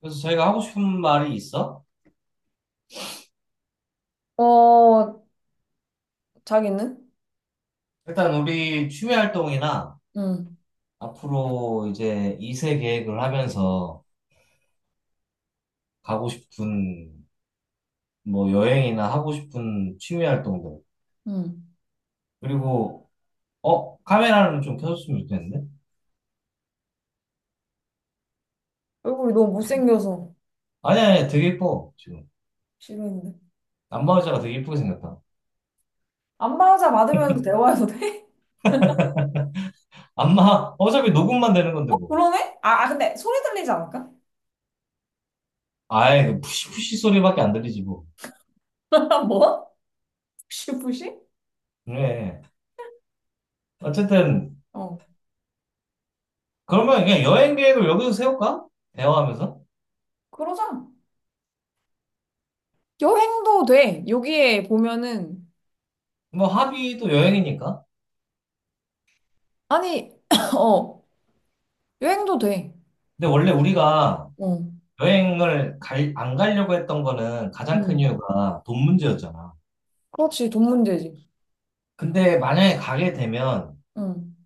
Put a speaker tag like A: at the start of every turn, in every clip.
A: 그래서 저희가 하고 싶은 말이 있어?
B: 어, 자기는?
A: 일단 우리 취미 활동이나
B: 응,
A: 앞으로 이제 2세 계획을 하면서 가고 싶은 뭐 여행이나 하고 싶은 취미 활동들.
B: 응.
A: 그리고 어? 카메라는 좀 켜줬으면 좋겠는데?
B: 얼굴이 너무 못생겨서
A: 아니 아니 되게 예뻐 지금.
B: 싫어했는데.
A: 안마 의자가 되게 예쁘게 생겼다.
B: 안마자 받으면서 대화해도 돼?
A: 안마 어차피 녹음만 되는 건데
B: 어,
A: 뭐.
B: 그러네? 근데 소리 들리지 않을까?
A: 아이 그 푸시푸시 소리밖에 안 들리지 뭐.
B: 뭐? 푸시푸시?
A: 그래. 어쨌든
B: 어,
A: 그러면 그냥 여행 계획을 여기서 세울까? 대화하면서?
B: 그러자. 여행도 돼. 여기에 보면은,
A: 뭐 합의도 여행이니까.
B: 아니, 어, 여행도 돼.
A: 근데 원래 우리가
B: 어,
A: 여행을 갈, 안 가려고 했던 거는 가장 큰
B: 응,
A: 이유가 돈 문제였잖아.
B: 그렇지, 돈 문제지.
A: 근데 만약에 가게 되면
B: 응.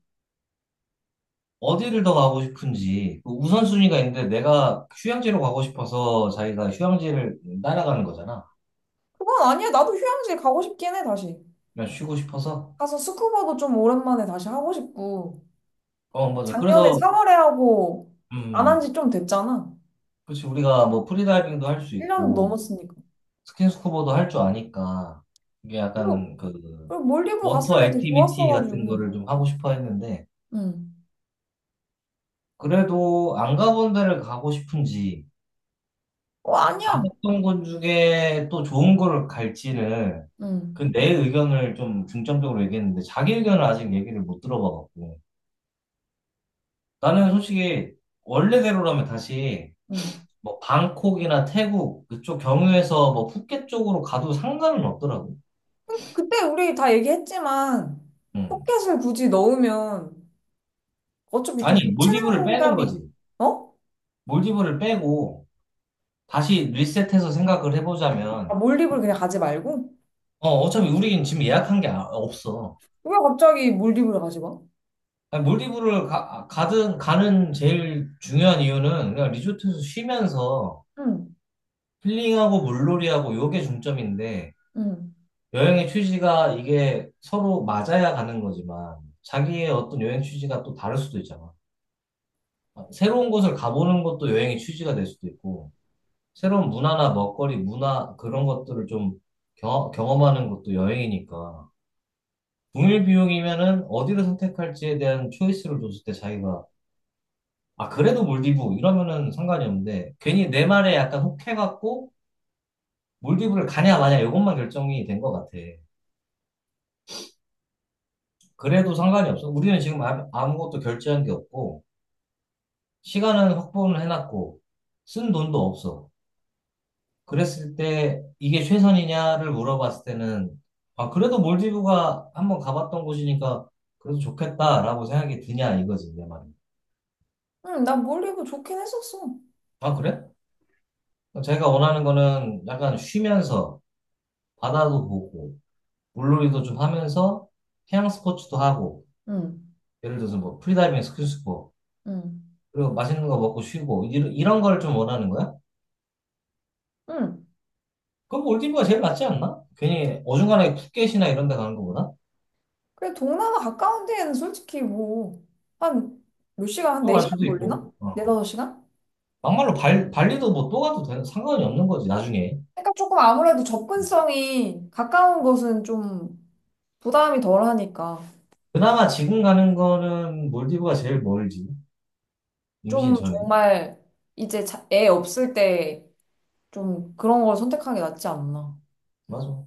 A: 어디를 더 가고 싶은지 그 우선순위가 있는데 내가 휴양지로 가고 싶어서 자기가 휴양지를 따라가는 거잖아.
B: 그건 아니야. 나도 휴양지 가고 싶긴 해, 다시.
A: 그냥 쉬고 싶어서.
B: 가서 스쿠버도 좀 오랜만에 다시 하고 싶고.
A: 어, 맞아.
B: 작년에
A: 그래서,
B: 4월에 하고 안 한
A: 음,
B: 지 좀 됐잖아.
A: 그렇지. 우리가 뭐 프리다이빙도 할 수
B: 1년
A: 있고
B: 넘었으니까.
A: 스킨스쿠버도 할 줄 아니까 이게
B: 그리고,
A: 약간 그
B: 그리고 몰디브 갔을
A: 워터
B: 때 되게
A: 액티비티 같은
B: 좋았어가지고.
A: 거를 좀 하고 싶어 했는데
B: 응.
A: 그래도 안 가본 데를 가고 싶은지,
B: 어, 아니야.
A: 가봤던 곳 중에 또 좋은 거를 갈지는,
B: 응.
A: 그 내 의견을 좀 중점적으로 얘기했는데, 자기 의견을 아직 얘기를 못 들어봐갖고. 나는 솔직히, 원래대로라면 다시,
B: 응.
A: 뭐, 방콕이나 태국, 그쪽 경유해서 뭐, 푸켓 쪽으로 가도 상관은 없더라고.
B: 그때 우리 다 얘기했지만
A: 음.
B: 포켓을 굳이 넣으면 어차피 좀
A: 아니, 몰디브를
B: 겹치는
A: 빼는
B: 감이.
A: 거지.
B: 어?
A: 몰디브를 빼고, 다시 리셋해서 생각을
B: 아,
A: 해보자면,
B: 몰디브를 그냥 가지 말고?
A: 어, 어차피 우리는 지금 예약한 게 없어.
B: 왜 갑자기 몰디브를 가지 마?
A: 아니, 몰디브를 가든 가는 제일 중요한 이유는 그냥 리조트에서 쉬면서
B: 응.
A: 힐링하고 물놀이하고 요게 중점인데
B: 응.
A: 여행의 취지가 이게 서로 맞아야 가는 거지만 자기의 어떤 여행 취지가 또 다를 수도 있잖아. 아, 새로운 곳을 가보는 것도 여행의 취지가 될 수도 있고 새로운 문화나 먹거리, 문화 그런 것들을 좀 경, 경험하는 것도 여행이니까 동일 비용이면은 어디를 선택할지에 대한 초이스를 줬을 때 자기가 아, 그래도 몰디브 이러면은 상관이 없는데 괜히 내 말에 약간 혹해갖고 몰디브를 가냐 마냐 이것만 결정이 된 것 같아. 그래도 상관이 없어. 우리는 지금 아무것도 결제한 게 없고 시간은 확보는 해놨고 쓴 돈도 없어. 그랬을 때 이게 최선이냐를 물어봤을 때는 아, 그래도 몰디브가 한번 가봤던 곳이니까 그래도 좋겠다라고 생각이 드냐 이거지 내 말은.
B: 응, 난 몰디브 좋긴 했었어.
A: 아, 그래? 자기가 원하는 거는 약간 쉬면서 바다도 보고 물놀이도 좀 하면서 해양 스포츠도 하고
B: 응.
A: 예를 들어서 뭐 프리다이빙, 스킨스쿠버
B: 응.
A: 그리고 맛있는 거 먹고 쉬고 이런, 이런 걸 좀 원하는 거야?
B: 응.
A: 그럼 몰디브가 제일 낫지 않나? 괜히 어중간하게 푸켓이나 이런 데 가는 거보다
B: 그래, 동남아 가까운 데에는 솔직히 뭐, 한 몇 시간, 한
A: 또 갈
B: 4시간
A: 수도 있고
B: 걸리나? 4,
A: 어.
B: 5시간?
A: 막말로 발, 발리도 뭐 또 가도 되는, 상관이 없는 거지 나중에.
B: 그러니까 조금 아무래도 접근성이 가까운 곳은 좀 부담이 덜 하니까.
A: 그나마 지금 가는 거는 몰디브가 제일 멀지. 임신
B: 좀
A: 전에.
B: 정말 이제 애 없을 때 좀 그런 걸 선택하는 게 낫지 않나.
A: 맞아.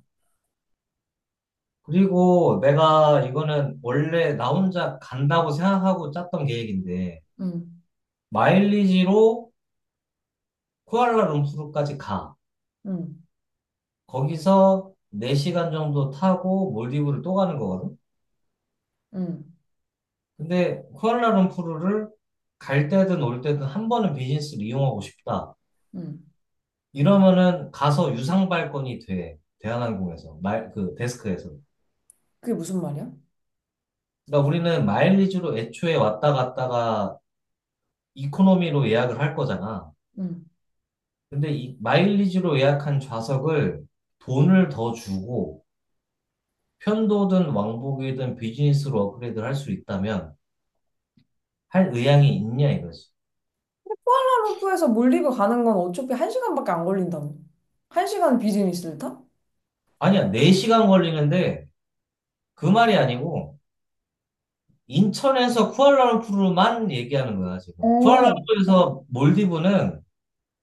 A: 그리고 내가 이거는 원래 나 혼자 간다고 생각하고 짰던 계획인데
B: 응,
A: 마일리지로 쿠알라룸푸르까지 가.
B: 응,
A: 거기서 4시간 정도 타고 몰디브를 또 가는 거거든.
B: 응,
A: 근데 쿠알라룸푸르를 갈 때든 올 때든 한 번은 비즈니스를 이용하고 싶다.
B: 응.
A: 이러면은 가서 유상 발권이 돼. 대한항공에서 말 그 데스크에서.
B: 그게 무슨 말이야?
A: 그러니까 우리는 마일리지로 애초에 왔다 갔다가 이코노미로 예약을 할 거잖아.
B: 응.
A: 근데 이 마일리지로 예약한 좌석을 돈을 더 주고 편도든 왕복이든 비즈니스로 업그레이드를 할 수 있다면 할 의향이 있냐 이거지.
B: 쿠알라룸푸르에서 몰디브 가는 건 어차피 한 시간밖에 안 걸린다며. 한 시간 비즈니스를 타?
A: 아니야, 4시간 걸리는데 그 말이 아니고 인천에서 쿠알라룸푸르만 얘기하는 거야, 지금.
B: 어.
A: 쿠알라룸푸르에서 몰디브는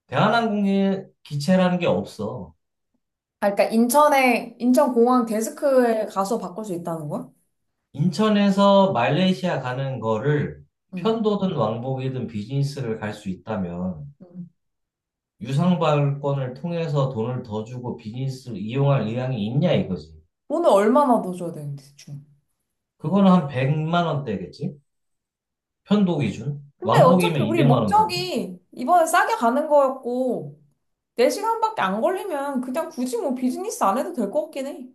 A: 대한항공의 기체라는 게 없어.
B: 아, 그러니까 인천에 인천공항 데스크에 가서 바꿀 수 있다는 거야?
A: 인천에서 말레이시아 가는 거를
B: 응.
A: 편도든 왕복이든 비즈니스를 갈 수 있다면
B: 응.
A: 유상발권을 통해서 돈을 더 주고 비즈니스를 이용할 의향이 있냐 이거지.
B: 돈을 얼마나 더 줘야 되는데 대충?
A: 그거는 한 100만 원대겠지? 편도 기준.
B: 근데 어차피
A: 왕복이면
B: 우리
A: 200만 원대고.
B: 목적이 이번에 싸게 가는 거였고 4시간밖에 안 걸리면 그냥 굳이 뭐 비즈니스 안 해도 될 것 같긴 해.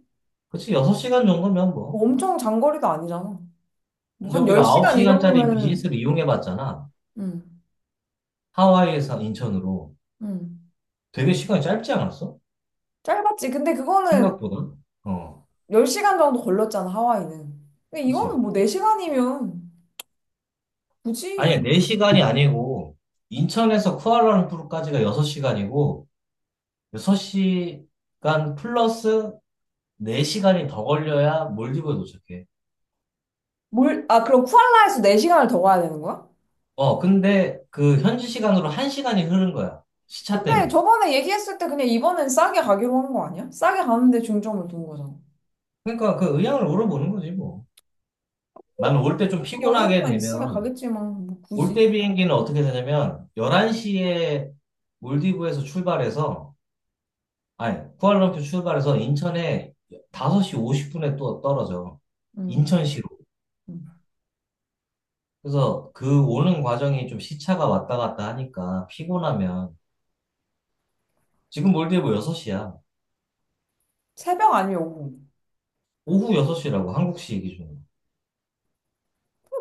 A: 그치, 6시간 정도면
B: 뭐
A: 뭐.
B: 엄청 장거리도 아니잖아. 뭐
A: 근데
B: 한
A: 우리가
B: 10시간 이
A: 9시간짜리
B: 정도면은.
A: 비즈니스를 이용해 봤잖아.
B: 응.
A: 하와이에서 인천으로.
B: 응.
A: 되게 시간이 짧지 않았어?
B: 짧았지. 근데 그거는
A: 생각보다. 어,
B: 10시간 정도 걸렸잖아, 하와이는. 근데 이거는
A: 그치.
B: 뭐 4시간이면
A: 아니야,
B: 굳이.
A: 4시간이 아니고, 인천에서 쿠알라룸푸르까지가 6시간이고, 6시간 플러스 4시간이 더 걸려야 몰디브에 도착해.
B: 뭘, 아, 그럼 쿠알라에서 4시간을 더 가야 되는 거야?
A: 어, 근데 그 현지 시간으로 1시간이 흐른 거야. 시차
B: 근데
A: 때문에.
B: 저번에 얘기했을 때 그냥 이번엔 싸게 가기로 한 거 아니야? 싸게 가는데 중점을 둔 거잖아.
A: 그러니까 그 의향을 물어보는 거지, 뭐. 나는 올 때 좀 피곤하게
B: 여유만 있으면
A: 되면,
B: 가겠지만, 뭐
A: 올
B: 굳이.
A: 때 비행기는 어떻게 되냐면 11시에 몰디브에서 출발해서 아니 쿠알라룸푸르 출발해서 인천에 5시 50분에 또 떨어져.
B: 음,
A: 인천시로.
B: 음.
A: 그래서 그 오는 과정이 좀 시차가 왔다 갔다 하니까 피곤하면 지금 몰디브 6시야.
B: 새벽 아니면 오후.
A: 오후 6시라고 한국시 기준으로.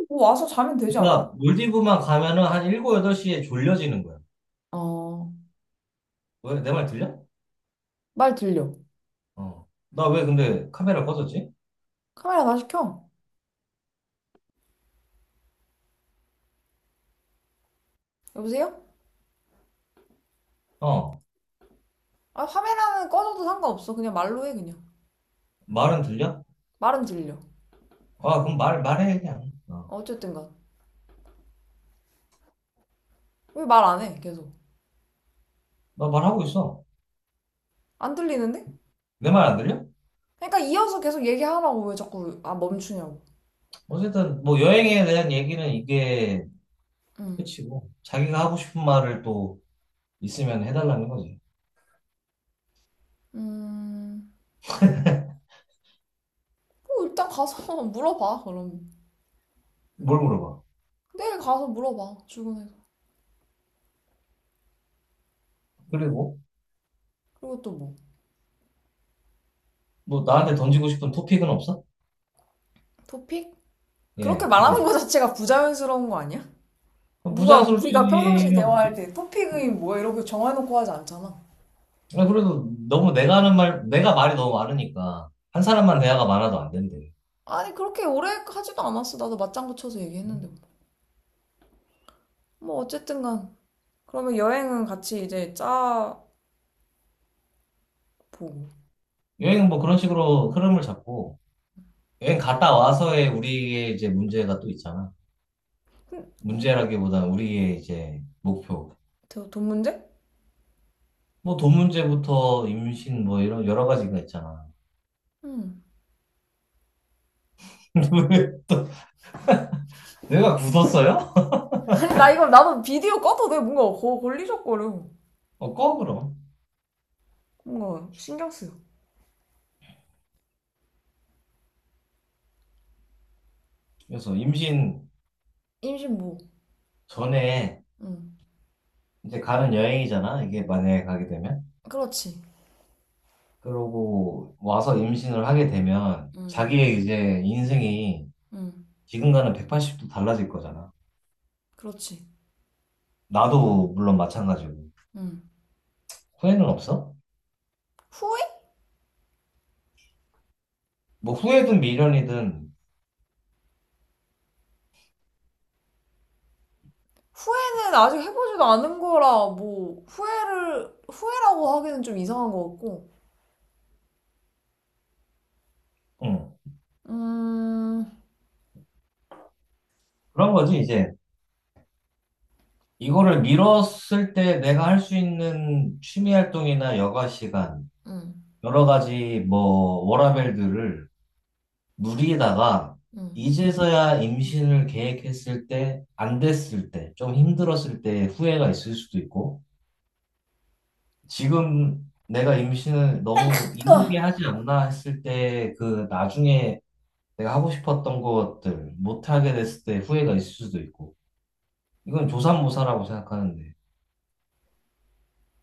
B: 뭐 와서 자면 되지 않아?
A: 그러니까 몰디브만 가면은 한 7, 8시에 졸려지는 거야.
B: 어,
A: 왜? 내 말 들려?
B: 말 들려.
A: 어. 나 왜 근데 카메라 꺼졌지?
B: 카메라 다시 켜. 여보세요?
A: 어.
B: 아, 카메라는 꺼져도 상관없어. 그냥 말로 해, 그냥.
A: 말은 들려?
B: 말은 들려.
A: 아, 그럼 말해, 그냥. 어.
B: 어, 어쨌든 간. 왜 말 안 해, 계속.
A: 나 말하고 있어.
B: 안 들리는데?
A: 내 말 안 들려?
B: 그러니까 이어서 계속 얘기하라고. 왜 자꾸, 아, 멈추냐고.
A: 어쨌든 뭐 여행에 대한 얘기는 이게
B: 음.
A: 끝이고 자기가 하고 싶은 말을 또 있으면 해달라는 거지.
B: 음, 뭐 일단 가서 물어봐, 그럼.
A: 뭘 물어봐.
B: 내일 가서 물어봐 출근해서.
A: 그리고
B: 그리고 또 뭐.
A: 뭐 나한테 던지고 싶은 토픽은 없어?
B: 토픽? 그렇게
A: 예,
B: 말하는
A: 주제.
B: 거 자체가 부자연스러운 거 아니야?
A: 부자
B: 누가
A: 연스럽지
B: 우리가 평상시
A: 면
B: 대화할 때 토픽이 뭐야 이렇게 정해놓고 하지 않잖아.
A: 아, 그래도 너무 내가 하는 말 내가 말이 너무 많으니까 한 사람만 대화가 많아도 안 된대.
B: 아니, 그렇게 오래 하지도 않았어. 나도 맞장구 쳐서 얘기했는데 뭐. 뭐 어쨌든 간, 그러면 여행은 같이 이제 짜보고.
A: 여행은 뭐 그런 식으로 흐름을 잡고 여행 갔다 와서의 우리의 이제 문제가 또 있잖아.
B: 음,
A: 문제라기보다는 우리의 이제 목표.
B: 돈 문제?
A: 뭐 돈 문제부터 임신 뭐 이런 여러 가지가 있잖아.
B: 응.
A: 왜 또 내가 굳었어요?
B: 아니, 나 이거 나도 비디오 꺼도 돼. 뭔가 걸리적거려.
A: 어, 꺼 그럼.
B: 뭔가 신경 쓰여.
A: 그래서 임신
B: 임신 뭐?
A: 전에
B: 응.
A: 이제 가는 여행이잖아. 이게 만약에 가게 되면.
B: 그렇지.
A: 그러고 와서 임신을 하게 되면 자기의 이제 인생이
B: 응응.
A: 지금과는 180도 달라질 거잖아.
B: 그렇지.
A: 나도 물론 마찬가지고.
B: 응.
A: 후회는 없어?
B: 후회?
A: 뭐 후회든 미련이든
B: 후회는 아직 해보지도 않은 거라 뭐 후회를 후회라고 하기는 좀 이상한 것 같고.
A: 응.
B: 음,
A: 그런 거지 이제. 이거를 미뤘을 때 내가 할 수 있는 취미 활동이나 여가 시간
B: 음,
A: 여러 가지 뭐 워라밸들을 누리다가
B: 음,
A: 이제서야 임신을 계획했을 때, 안 됐을 때, 좀 힘들었을 때 후회가 있을 수도 있고, 지금 내가 임신을 너무 이르게 하지 않나 했을 때 그 나중에 내가 하고 싶었던 것들 못하게 됐을 때 후회가 있을 수도 있고, 이건 조삼모사라고 생각하는데,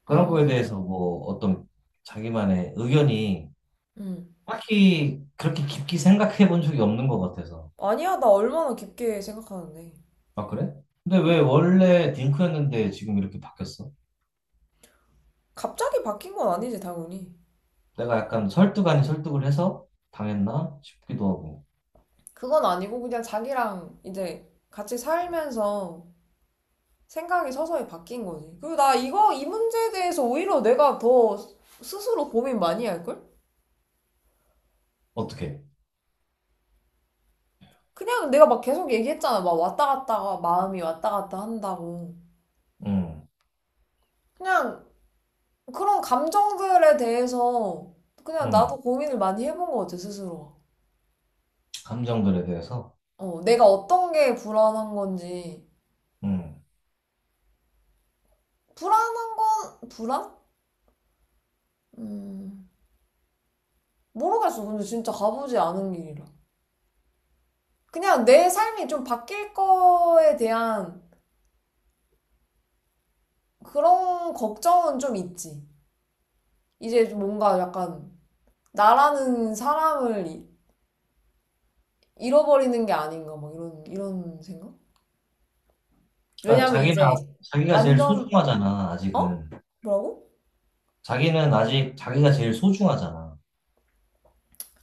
A: 그런 거에
B: 음,
A: 대해서 뭐 어떤 자기만의 의견이
B: 음.
A: 딱히 그렇게 깊게 생각해 본 적이 없는 것 같아서.
B: 아니야, 나 얼마나 깊게 생각하는데.
A: 아, 그래? 근데 왜
B: 음.
A: 원래 딩크였는데 지금 이렇게 바뀌었어?
B: 갑자기 바뀐 건 아니지 당연히.
A: 내가 약간 설득 아닌 설득을 해서 당했나 싶기도 하고.
B: 그건 아니고 그냥 자기랑 이제 같이 살면서 생각이 서서히 바뀐 거지. 그리고 나 이거 이 문제에 대해서 오히려 내가 더 스스로 고민 많이 할걸?
A: 어떻게?
B: 그냥 내가 막 계속 얘기했잖아. 막 왔다 갔다가 마음이 왔다 갔다 한다고.
A: 음,
B: 그냥 그런 감정들에 대해서 그냥
A: 음,
B: 나도 고민을 많이 해본 것 같아, 스스로.
A: 감정들에 대해서.
B: 어, 내가 어떤 게 불안한 건지.
A: 음.
B: 불안한 건, 불안? 음, 모르겠어. 근데 진짜 가보지 않은 길이라. 그냥 내 삶이 좀 바뀔 거에 대한 그런 걱정은 좀 있지. 이제 좀 뭔가 약간 나라는 사람을 잃어버리는 게 아닌가, 막 이런 생각?
A: 그러니까
B: 왜냐면
A: 자기는,
B: 이제
A: 자기가 제일
B: 완전,
A: 소중하잖아,
B: 어?
A: 아직은.
B: 뭐라고?
A: 자기는 아직 자기가 제일 소중하잖아.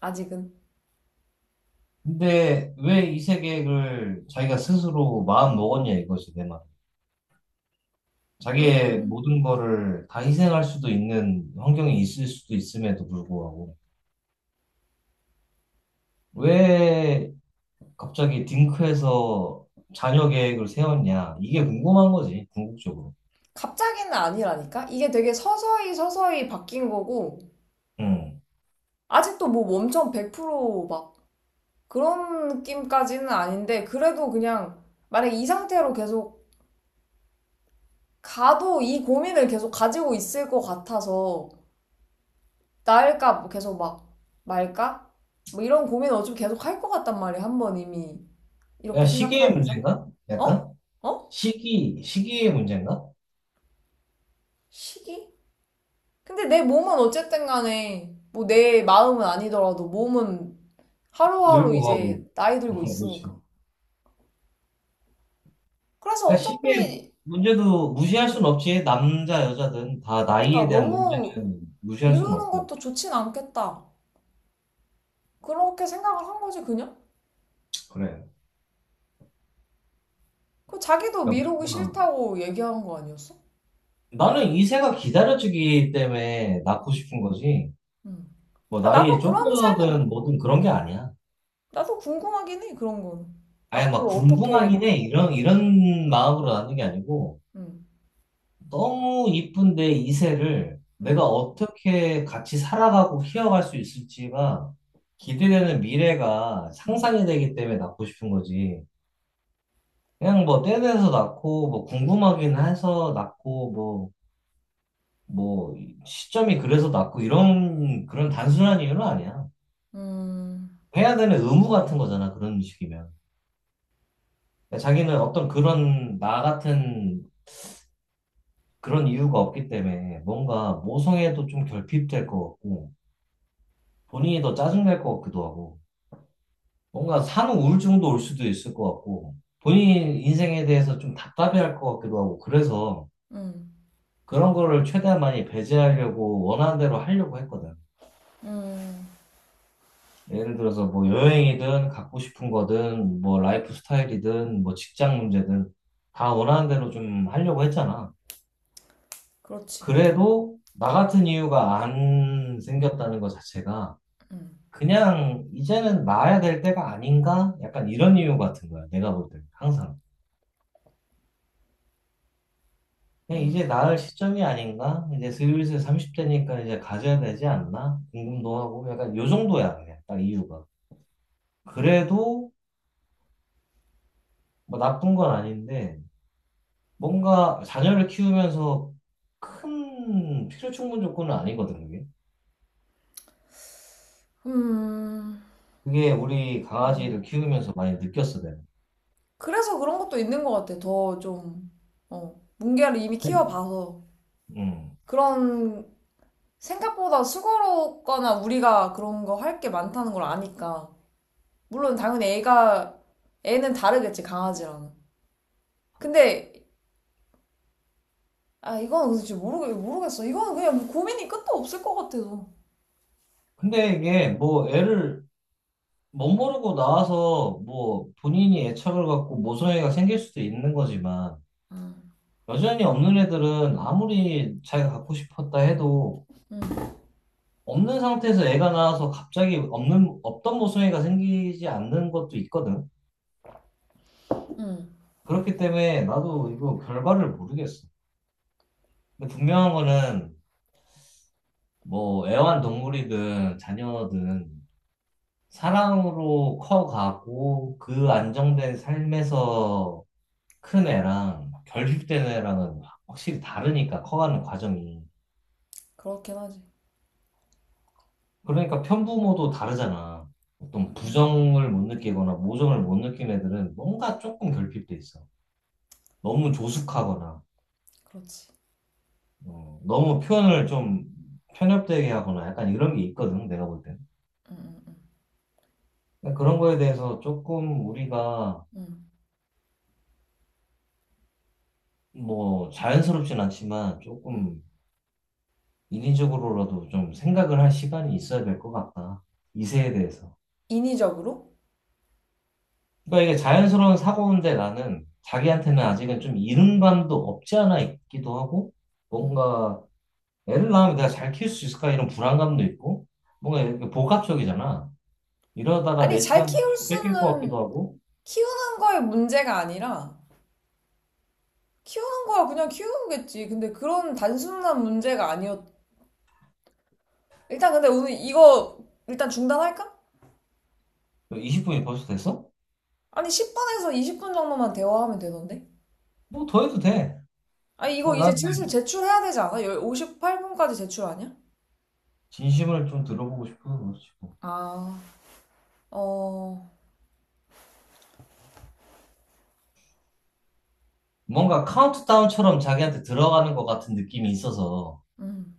B: 아직은.
A: 근데 왜 이 세계를 자기가 스스로 마음 먹었냐 이거지, 내 말. 자기의
B: 음,
A: 모든 거를 다 희생할 수도 있는 환경이 있을 수도 있음에도 불구하고. 왜 갑자기 딩크에서 자녀 계획을 세웠냐? 이게 궁금한 거지, 궁극적으로.
B: 갑자기는 아니라니까? 이게 되게 서서히 서서히 바뀐 거고,
A: 음.
B: 아직도 뭐 엄청 100%막 그런 느낌까지는 아닌데, 그래도 그냥 만약에 이 상태로 계속 가도 이 고민을 계속 가지고 있을 것 같아서, 나을까, 뭐 계속 막 말까? 뭐 이런 고민을 어차피 계속 할 것 같단 말이야, 한 번 이미.
A: 그냥
B: 이렇게
A: 시기의
B: 생각하는 이상?
A: 문제인가?
B: 어?
A: 약간?
B: 어?
A: 시기의 문제인가?
B: 시기? 근데 내 몸은 어쨌든 간에, 뭐 내 마음은 아니더라도 몸은 하루하루
A: 늙고 가고.
B: 이제 나이 들고
A: 어, 그렇지.
B: 있으니까. 그래서
A: 그러니까 시기의
B: 어차피,
A: 문제도 무시할 순 없지. 남자, 여자든 다
B: 그러니까
A: 나이에 대한
B: 너무
A: 문제는 무시할 순
B: 미루는
A: 없고.
B: 것도 좋진 않겠다. 그렇게 생각을 한 거지, 그냥?
A: 그래.
B: 그 자기도
A: 그러니까
B: 미루기
A: 무조건.
B: 싫다고 얘기한 거 아니었어?
A: 나는 이 새가 기다려주기 때문에 낳고
B: 응.
A: 싶은 거지.
B: 응.
A: 뭐
B: 야,
A: 나이에
B: 나도 그런
A: 쫓겨든
B: 삶은,
A: 뭐든 그런 게 아니야.
B: 나도 궁금하긴 해, 그런 건.
A: 아예 막
B: 앞으로 어떻게,
A: 궁금하긴 해. 이런, 이런 마음으로 낳는 게 아니고,
B: 응,
A: 너무 이쁜 내 이세를 내가
B: 응,
A: 어떻게 같이 살아가고 키워갈 수 있을지가 기대되는 미래가
B: 응,
A: 상상이 되기 때문에 낳고 싶은 거지. 그냥 뭐 떼내서 낳고, 뭐 궁금하긴 해서 낳고, 뭐, 뭐, 시점이 그래서 낳고, 이런, 그런 단순한 이유는 아니야.
B: 음,
A: 해야 되는 의무 같은 거잖아, 그런 식이면. 그러니까 자기는 어떤 그런 나 같은 그런 이유가 없기 때문에 뭔가 모성애도 좀 결핍될 것 같고 본인이 더 짜증날 것 같기도 하고 뭔가 산후 우울증도 올 수도 있을 것 같고 본인 인생에 대해서 좀 답답해할 것 같기도 하고 그래서
B: 음,
A: 그런 거를 최대한 많이 배제하려고 원하는 대로 하려고 했거든.
B: 음,
A: 예를 들어서 뭐 여행이든 갖고 싶은 거든 뭐 라이프 스타일이든 뭐 직장 문제든 다 원하는 대로 좀 하려고 했잖아.
B: 그렇지.
A: 그래도 나 같은 이유가 안 생겼다는 것 자체가
B: 음,
A: 그냥 이제는 나아야 될 때가 아닌가? 약간 이런 이유 같은 거야. 내가 볼 때. 항상. 그냥 이제
B: 음,
A: 나을 시점이 아닌가? 이제 슬슬 30대니까 이제 가져야 되지 않나? 궁금도 하고 약간 요 정도야. 그냥 딱 이유가. 그래도 뭐 나쁜 건 아닌데 뭔가 자녀를 키우면서 큰 필요 충분 조건은 아니거든, 그게.
B: 음,
A: 그게 우리
B: 음.
A: 강아지를 키우면서 많이 느꼈어, 내가.
B: 그래서 그런 것도 있는 것 같아. 더 좀, 어, 뭉게를 이미 키워봐서.
A: 음.
B: 그런, 생각보다 수고롭거나 우리가 그런 거 할 게 많다는 걸 아니까. 물론 당연히 애가, 애는 다르겠지, 강아지랑은. 근데, 아, 이건 도대체 모르겠어. 이건 그냥 뭐 고민이 끝도 없을 것 같아서.
A: 근데 이게 뭐 애를 멋모르고 나와서 뭐 본인이 애착을 갖고 모성애가 생길 수도 있는 거지만 여전히 없는 애들은 아무리 자기가 갖고 싶었다 해도 없는 상태에서 애가 나와서 갑자기 없는 없던 모성애가 생기지 않는 것도 있거든.
B: 음,
A: 그렇기 때문에 나도 이거 결과를 모르겠어. 근데 분명한 거는 뭐 애완동물이든 자녀든 사랑으로 커가고 그 안정된 삶에서 큰 애랑 결핍된 애랑은 확실히 다르니까 커가는 과정이.
B: 그렇긴 하지.
A: 그러니까 편부모도 다르잖아. 어떤
B: 응,
A: 부정을 못 느끼거나 모정을 못 느낀 애들은 뭔가 조금 결핍돼 있어. 너무 조숙하거나,
B: 그렇지.
A: 어, 너무 표현을 좀 편협되게 하거나 약간 이런 게 있거든, 내가 볼 때는.
B: 응응응응.
A: 그러니까 그런 거에 대해서 조금 우리가 뭐 자연스럽진 않지만 조금 인위적으로라도 좀 생각을 할 시간이 있어야 될 것 같다. 이 세에 대해서.
B: 인위적으로?
A: 그러니까 이게 자연스러운 사고인데 나는 자기한테는 아직은 좀 이른감도 없지 않아 있기도 하고
B: 응.
A: 뭔가 애를 낳으면 내가 잘 키울 수 있을까 이런 불안감도 있고 뭔가 이렇게 복합적이잖아. 이러다가
B: 아니,
A: 내
B: 잘
A: 시간
B: 키울
A: 뺏길 것 같기도
B: 수는,
A: 하고
B: 키우는 거에 문제가 아니라, 키우는 거야 그냥 키우겠지. 근데 그런 단순한 문제가 아니었. 일단 근데 오늘 이거 일단 중단할까?
A: 20분이 벌써 됐어?
B: 아니, 10분에서 20분 정도만 대화하면 되던데?
A: 뭐 더 해도 돼.
B: 아니, 이거
A: 야, 나
B: 이제
A: 그냥
B: 슬슬 제출해야 되지 않아? 58분까지 제출 아니야?
A: 진심을 좀 들어보고 싶어서 그렇지. 뭐.
B: 아, 어,
A: 뭔가 카운트다운처럼 자기한테 들어가는 것 같은 느낌이 있어서
B: 음,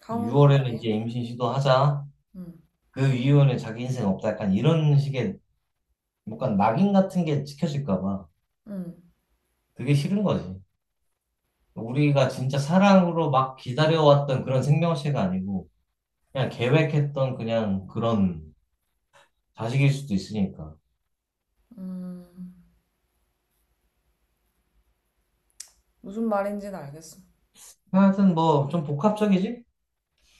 B: 강우프
A: 6월에는 이제
B: 나요.
A: 임신 시도하자.
B: 음,
A: 그 이후에는 자기 인생 없다. 약간 이런 식의 뭔가 낙인 같은 게 찍혀질까 봐.
B: 음,
A: 그게 싫은 거지. 우리가 진짜 사랑으로 막 기다려왔던 그런 생명체가 아니고, 그냥 계획했던 그냥 그런 자식일 수도 있으니까.
B: 음, 무슨 말인지는 알겠어.
A: 하여튼 뭐, 좀 복합적이지?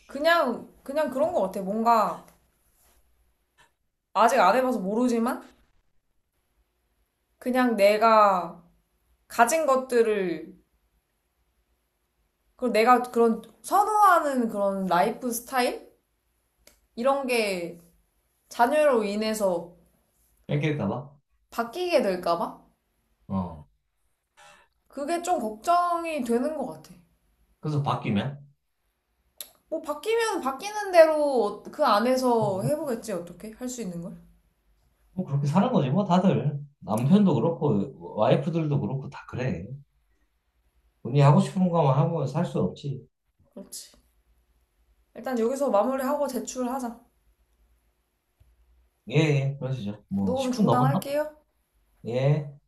B: 그냥 그런 것 같아. 뭔가 아직 안 해봐서 모르지만 그냥 내가 가진 것들을, 그리고 내가 그런 선호하는 그런 라이프 스타일? 이런 게 자녀로 인해서
A: 뺏길까 봐.
B: 바뀌게 될까봐?
A: 어.
B: 그게 좀 걱정이 되는 것 같아.
A: 그래서 바뀌면?
B: 뭐 바뀌면 바뀌는 대로 그 안에서 해보겠지, 어떻게? 할 수 있는 걸?
A: 뭐 그렇게 사는 거지, 뭐 다들. 남편도 그렇고, 와이프들도 그렇고, 다 그래. 본인이 하고 싶은 거만 하고 살 수 없지.
B: 그렇지. 일단 여기서 마무리하고 제출하자.
A: 예, 예, 그러시죠. 뭐,
B: 녹음
A: 10분 넘었나?
B: 중단할게요.
A: 예.